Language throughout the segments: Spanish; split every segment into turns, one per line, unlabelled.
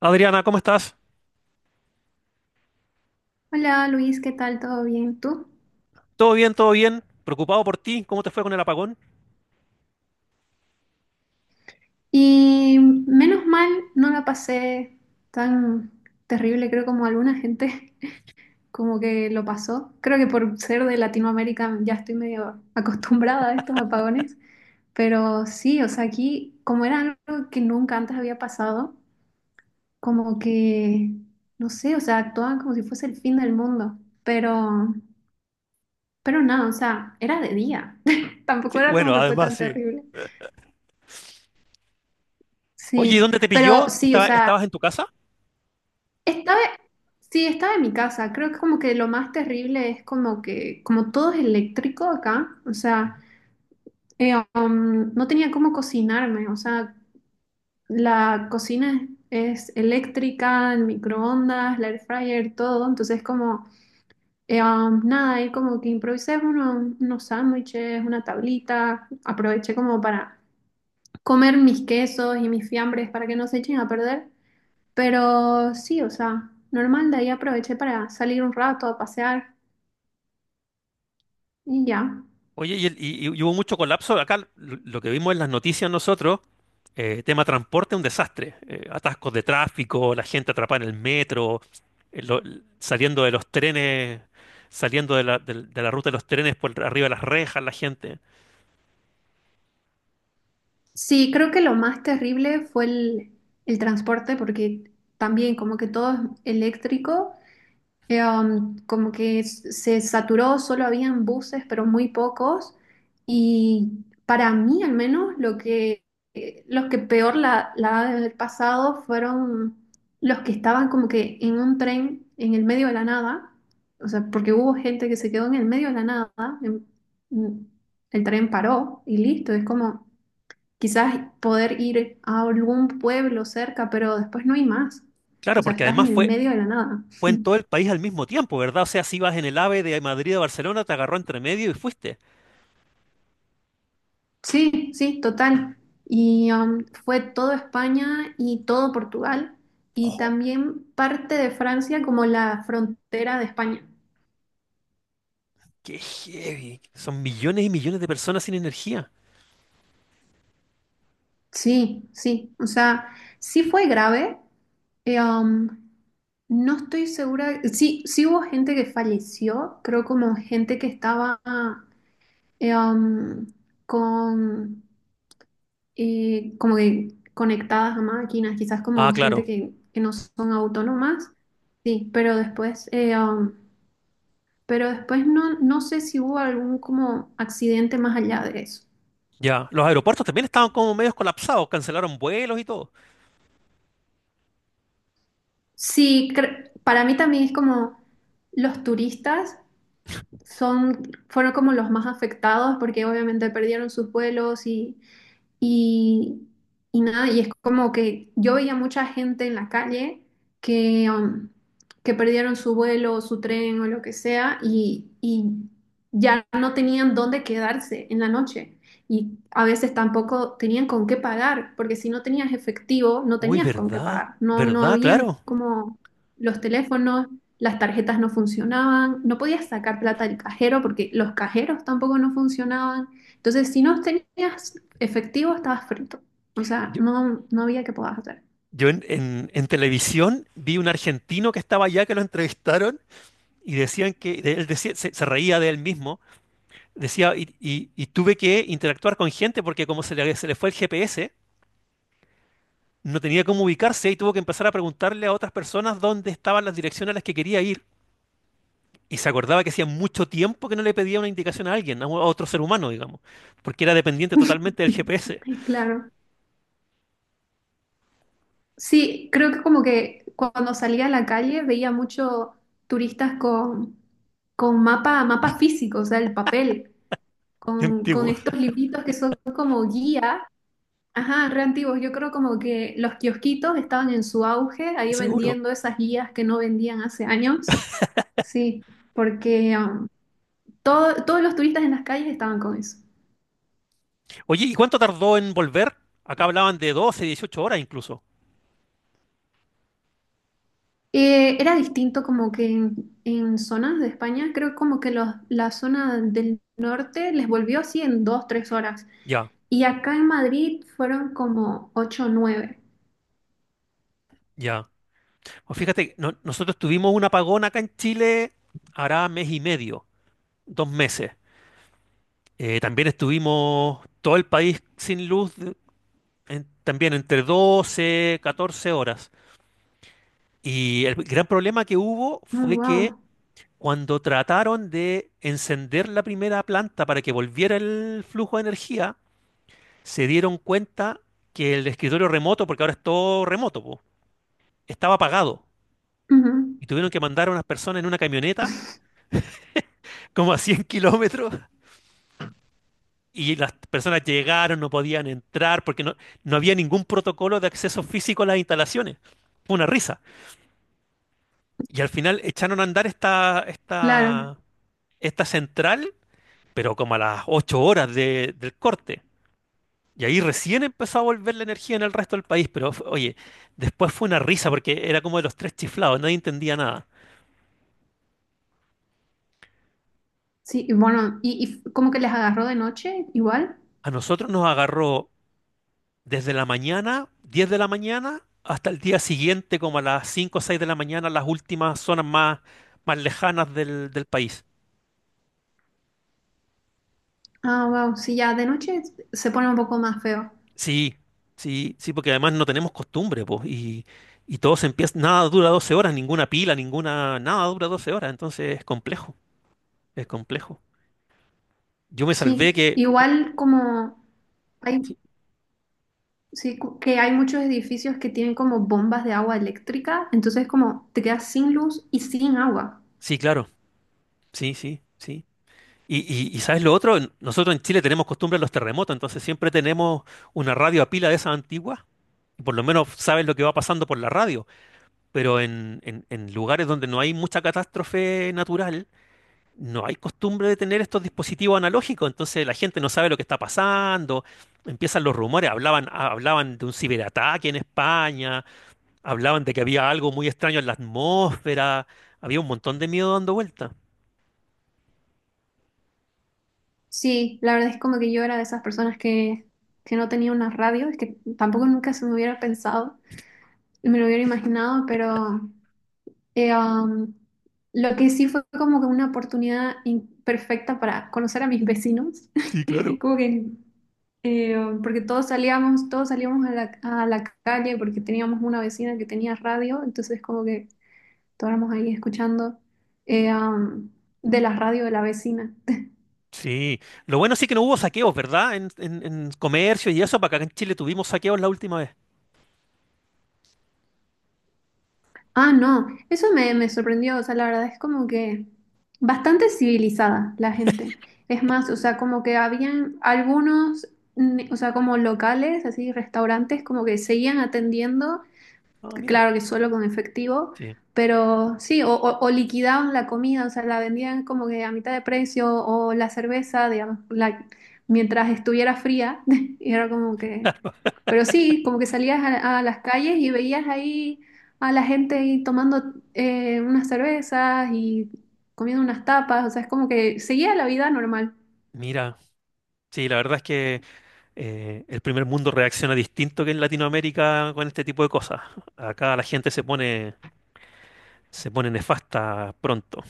Adriana, ¿cómo estás?
Hola Luis, ¿qué tal? ¿Todo bien? ¿Tú?
¿Todo bien, todo bien? Preocupado por ti, ¿cómo te fue con el apagón?
Y menos mal no la pasé tan terrible, creo, como alguna gente como que lo pasó. Creo que por ser de Latinoamérica ya estoy medio acostumbrada a estos apagones, pero sí, o sea, aquí como era algo que nunca antes había pasado, como que, no sé, o sea, actuaban como si fuese el fin del mundo, pero, pero nada, o sea, era de día, tampoco
Sí,
era
bueno,
como que fue
además
tan
sí.
terrible.
Oye, ¿y
Sí,
dónde te
pero
pilló?
sí, o sea,
¿Estabas en tu casa?
estaba, sí, estaba en mi casa. Creo que como que lo más terrible es como que, como todo es eléctrico acá, o sea, no tenía cómo cocinarme, o sea, la cocina es eléctrica, el microondas, la air fryer, todo, entonces como, nada, ahí como que improvisé unos sándwiches, una tablita, aproveché como para comer mis quesos y mis fiambres para que no se echen a perder. Pero sí, o sea, normal, de ahí aproveché para salir un rato a pasear y ya.
Oye, y hubo mucho colapso. Acá lo que vimos en las noticias nosotros, tema transporte, un desastre. Atascos de tráfico, la gente atrapada en el metro, saliendo de los trenes, saliendo de de la ruta de los trenes por arriba de las rejas, la gente.
Sí, creo que lo más terrible fue el transporte porque también como que todo es eléctrico. Como que se saturó, solo habían buses, pero muy pocos. Y para mí, al menos, los que peor la ha de haber pasado fueron los que estaban como que en un tren en el medio de la nada. O sea, porque hubo gente que se quedó en el medio de la nada. en- en- el tren paró y listo. Es como quizás poder ir a algún pueblo cerca, pero después no hay más.
Claro,
O sea,
porque
estás en
además
el
fue,
medio de la nada.
fue en todo el país al mismo tiempo, ¿verdad? O sea, si ibas en el AVE de Madrid a Barcelona, te agarró entre medio y fuiste.
Sí, sí, total. Y fue todo España y todo Portugal y
¡Jo!
también parte de Francia como la frontera de España.
¡Qué heavy! Son millones y millones de personas sin energía.
Sí, sí, o sea, sí fue grave. eh, um, no estoy segura, sí, sí hubo gente que falleció, creo como gente que estaba eh, um, con como que conectadas a máquinas, quizás
Ah,
como
claro,
gente que no son autónomas, sí, pero después no, no sé si hubo algún como accidente más allá de eso.
ya. Los aeropuertos también estaban como medios colapsados, cancelaron vuelos y todo.
Sí, para mí también es como los turistas son, fueron como los más afectados porque obviamente perdieron sus vuelos y, Y, y nada, y es como que yo veía mucha gente en la calle que, um, que perdieron su vuelo, su tren o lo que sea, y ya no tenían dónde quedarse en la noche. Y a veces tampoco tenían con qué pagar, porque si no tenías efectivo, no
Uy,
tenías con qué
¿verdad?
pagar. No
¿Verdad?
habían
Claro.
como los teléfonos, las tarjetas no funcionaban, no podías sacar plata del cajero porque los cajeros tampoco no funcionaban. Entonces, si no tenías efectivo, estabas frito. O sea,
Yo,
no, no había que puedas hacer.
yo en, en televisión vi un argentino que estaba allá que lo entrevistaron y decían que él decía, se reía de él mismo. Decía, y tuve que interactuar con gente porque como se le fue el GPS, no tenía cómo ubicarse y tuvo que empezar a preguntarle a otras personas dónde estaban las direcciones a las que quería ir. Y se acordaba que hacía mucho tiempo que no le pedía una indicación a alguien, a otro ser humano, digamos, porque era dependiente totalmente del GPS.
Ay, claro. Sí, creo que como que cuando salía a la calle veía mucho turistas con mapa, mapa físico, o sea, el papel,
Qué
con
antiguo,
estos libritos que son como guía, ajá, re antiguos. Yo creo como que los kiosquitos estaban en su auge, ahí
seguro.
vendiendo esas guías que no vendían hace años. Sí, porque todos los turistas en las calles estaban con eso.
Oye, ¿y cuánto tardó en volver? Acá hablaban de 12 18 horas incluso.
Era distinto como que en zonas de España, creo como que los, la zona del norte les volvió así en 2, 3 horas.
Ya,
Y acá en Madrid fueron como ocho o nueve.
ya. O fíjate, nosotros tuvimos un apagón acá en Chile, hará mes y medio, dos meses. También estuvimos todo el país sin luz también entre 12, 14 horas. Y el gran problema que hubo
Oh,
fue que
wow.
cuando trataron de encender la primera planta para que volviera el flujo de energía, se dieron cuenta que el escritorio remoto, porque ahora es todo remoto, po, estaba apagado.
Ujú.
Y tuvieron que mandar a unas personas en una camioneta, como a 100 kilómetros. Y las personas llegaron, no podían entrar porque no había ningún protocolo de acceso físico a las instalaciones. Fue una risa. Y al final echaron a andar
Claro.
esta central, pero como a las 8 horas del corte. Y ahí recién empezó a volver la energía en el resto del país. Pero oye, después fue una risa porque era como de los tres chiflados, nadie entendía nada.
Sí, y bueno, y como que les agarró de noche igual.
A nosotros nos agarró desde la mañana, 10 de la mañana, hasta el día siguiente, como a las 5 o 6 de la mañana, las últimas zonas más lejanas del país.
Ah, wow. Sí, ya de noche se pone un poco más feo.
Sí, sí, sí, porque además no tenemos costumbre, pues, y todo se empieza, nada dura 12 horas, ninguna pila, ninguna, nada dura 12 horas, entonces es complejo, es complejo. Yo me
Sí,
salvé que,
igual como…
sí,
Hay, sí, que hay muchos edificios que tienen como bombas de agua eléctrica, entonces como te quedas sin luz y sin agua.
sí, claro, sí, sí, sí. Y, y ¿sabes lo otro? Nosotros en Chile tenemos costumbre de los terremotos, entonces siempre tenemos una radio a pila de esas antiguas, y por lo menos sabes lo que va pasando por la radio, pero en, en lugares donde no hay mucha catástrofe natural, no hay costumbre de tener estos dispositivos analógicos, entonces la gente no sabe lo que está pasando, empiezan los rumores, hablaban, hablaban de un ciberataque en España, hablaban de que había algo muy extraño en la atmósfera, había un montón de miedo dando vuelta.
Sí, la verdad es como que yo era de esas personas que no tenía una radio, es que tampoco nunca se me hubiera pensado, me lo hubiera imaginado, pero eh, um, lo que sí fue como que una oportunidad perfecta para conocer a mis vecinos,
Sí, claro.
como que eh, porque todos salíamos a la calle porque teníamos una vecina que tenía radio, entonces como que estábamos ahí escuchando eh, am, de la radio de la vecina.
Sí, lo bueno sí que no hubo saqueos, ¿verdad? En comercio y eso, para acá en Chile tuvimos saqueos la última vez.
Ah, no, eso me sorprendió, o sea, la verdad es como que bastante civilizada la gente. Es más, o sea, como que habían algunos, mm, o sea, como locales, así, restaurantes, como que seguían atendiendo.
Ah, mira.
Claro que solo con efectivo,
Sí,
pero sí, o liquidaban la comida, o sea, la vendían como que a mitad de precio, o la cerveza, digamos, la- mientras estuviera fría, y era como que… Pero sí, como que salías a las calles y veías ahí a la gente ahí tomando unas cervezas y comiendo unas tapas, o sea, es como que seguía la vida normal.
mira. Sí, la verdad es que el primer mundo reacciona distinto que en Latinoamérica con este tipo de cosas. Acá la gente se pone, se pone nefasta pronto.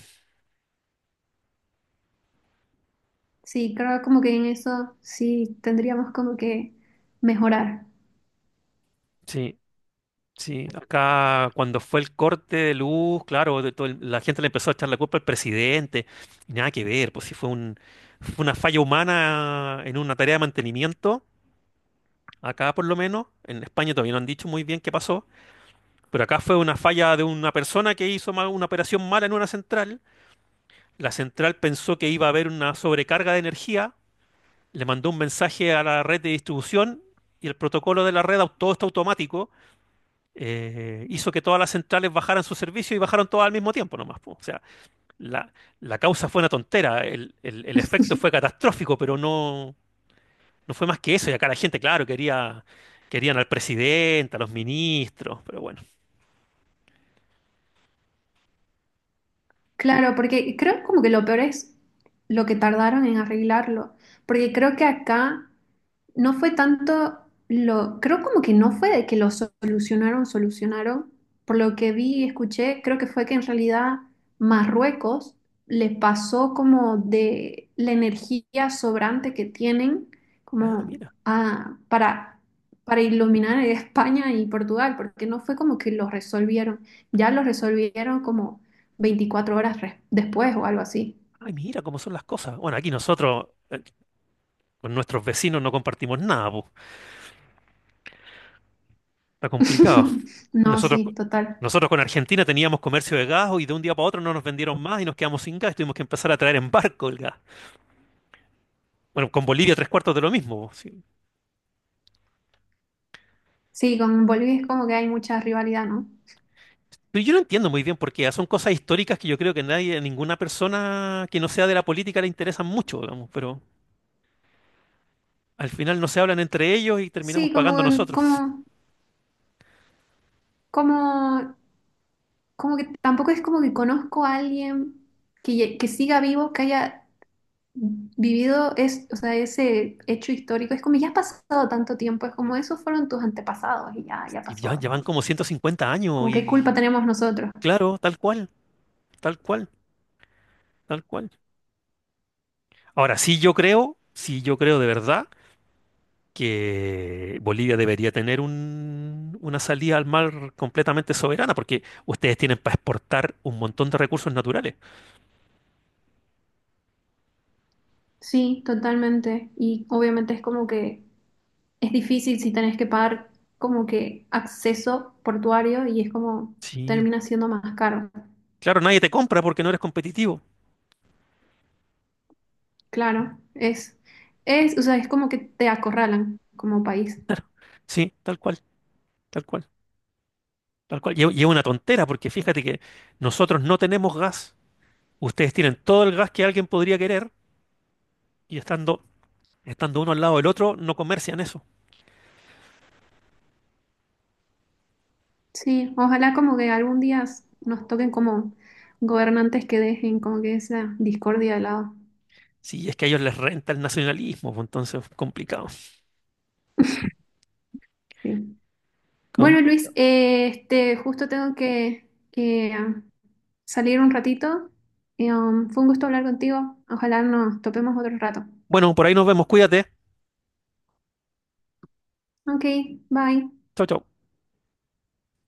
Sí, creo como que en eso sí tendríamos como que mejorar.
Sí, sí. Acá cuando fue el corte de luz, claro, de todo la gente le empezó a echar la culpa al presidente. Y nada que ver, pues si fue una falla humana en una tarea de mantenimiento. Acá por lo menos, en España todavía no han dicho muy bien qué pasó, pero acá fue una falla de una persona que hizo una operación mala en una central. La central pensó que iba a haber una sobrecarga de energía, le mandó un mensaje a la red de distribución y el protocolo de todo está automático, hizo que todas las centrales bajaran su servicio y bajaron todas al mismo tiempo nomás, po. O sea, la, la causa fue una tontera, el efecto fue catastrófico, pero no, no fue más que eso. Y acá la gente, claro, querían al presidente, a los ministros, pero bueno.
Claro, porque creo como que lo peor es lo que tardaron en arreglarlo, porque creo que acá no fue tanto lo, creo como que no fue de que lo solucionaron, solucionaron. Por lo que vi y escuché, creo que fue que en realidad Marruecos les pasó como de la energía sobrante que tienen
Ah,
como
mira,
a- para iluminar a España y Portugal, porque no fue como que los resolvieron, ya los resolvieron como 24 horas después o algo así.
ay, mira cómo son las cosas. Bueno, aquí nosotros con nuestros vecinos no compartimos nada, po. Está complicado.
No,
Nosotros,
sí,
co-
total.
nosotros con Argentina teníamos comercio de gas y de un día para otro no nos vendieron más y nos quedamos sin gas, tuvimos que empezar a traer en barco el gas. Bueno, con Bolivia tres cuartos de lo mismo. Sí.
Sí, con Bolivia es como que hay mucha rivalidad, ¿no?
Pero yo no entiendo muy bien por qué. Son cosas históricas que yo creo que nadie, ninguna persona que no sea de la política le interesan mucho, digamos, pero al final no se hablan entre ellos y terminamos
Sí,
pagando nosotros.
como, como, como que tampoco es como que conozco a alguien que, que siga vivo, que haya vivido es, o sea, ese hecho histórico. Es como ya ha pasado tanto tiempo, es como esos fueron tus antepasados y ya, ya
Y ya,
pasó. Es
ya van
como,
como 150 años
como qué
y
culpa tenemos nosotros.
claro, tal cual, tal cual, tal cual. Ahora, sí yo creo de verdad que Bolivia debería tener una salida al mar completamente soberana, porque ustedes tienen para exportar un montón de recursos naturales.
Sí, totalmente. Y obviamente es como que es difícil si tenés que pagar como que acceso portuario y es como
Sí,
termina siendo más caro.
claro, nadie te compra porque no eres competitivo.
Claro, es, o sea, es como que te acorralan como país.
Sí, tal cual, tal cual, tal cual. Y es una tontera porque fíjate que nosotros no tenemos gas. Ustedes tienen todo el gas que alguien podría querer y estando, estando uno al lado del otro no comercian eso.
Sí, ojalá como que algún día nos toquen como gobernantes que dejen como que esa discordia de lado.
Sí, es que a ellos les renta el nacionalismo, pues, entonces complicado.
Sí.
Com-
Bueno, Luis, este, justo tengo que salir un ratito. Fue un gusto hablar contigo. Ojalá nos topemos otro rato.
Bueno, por ahí nos vemos. Cuídate.
Ok, bye.
Chau, chau.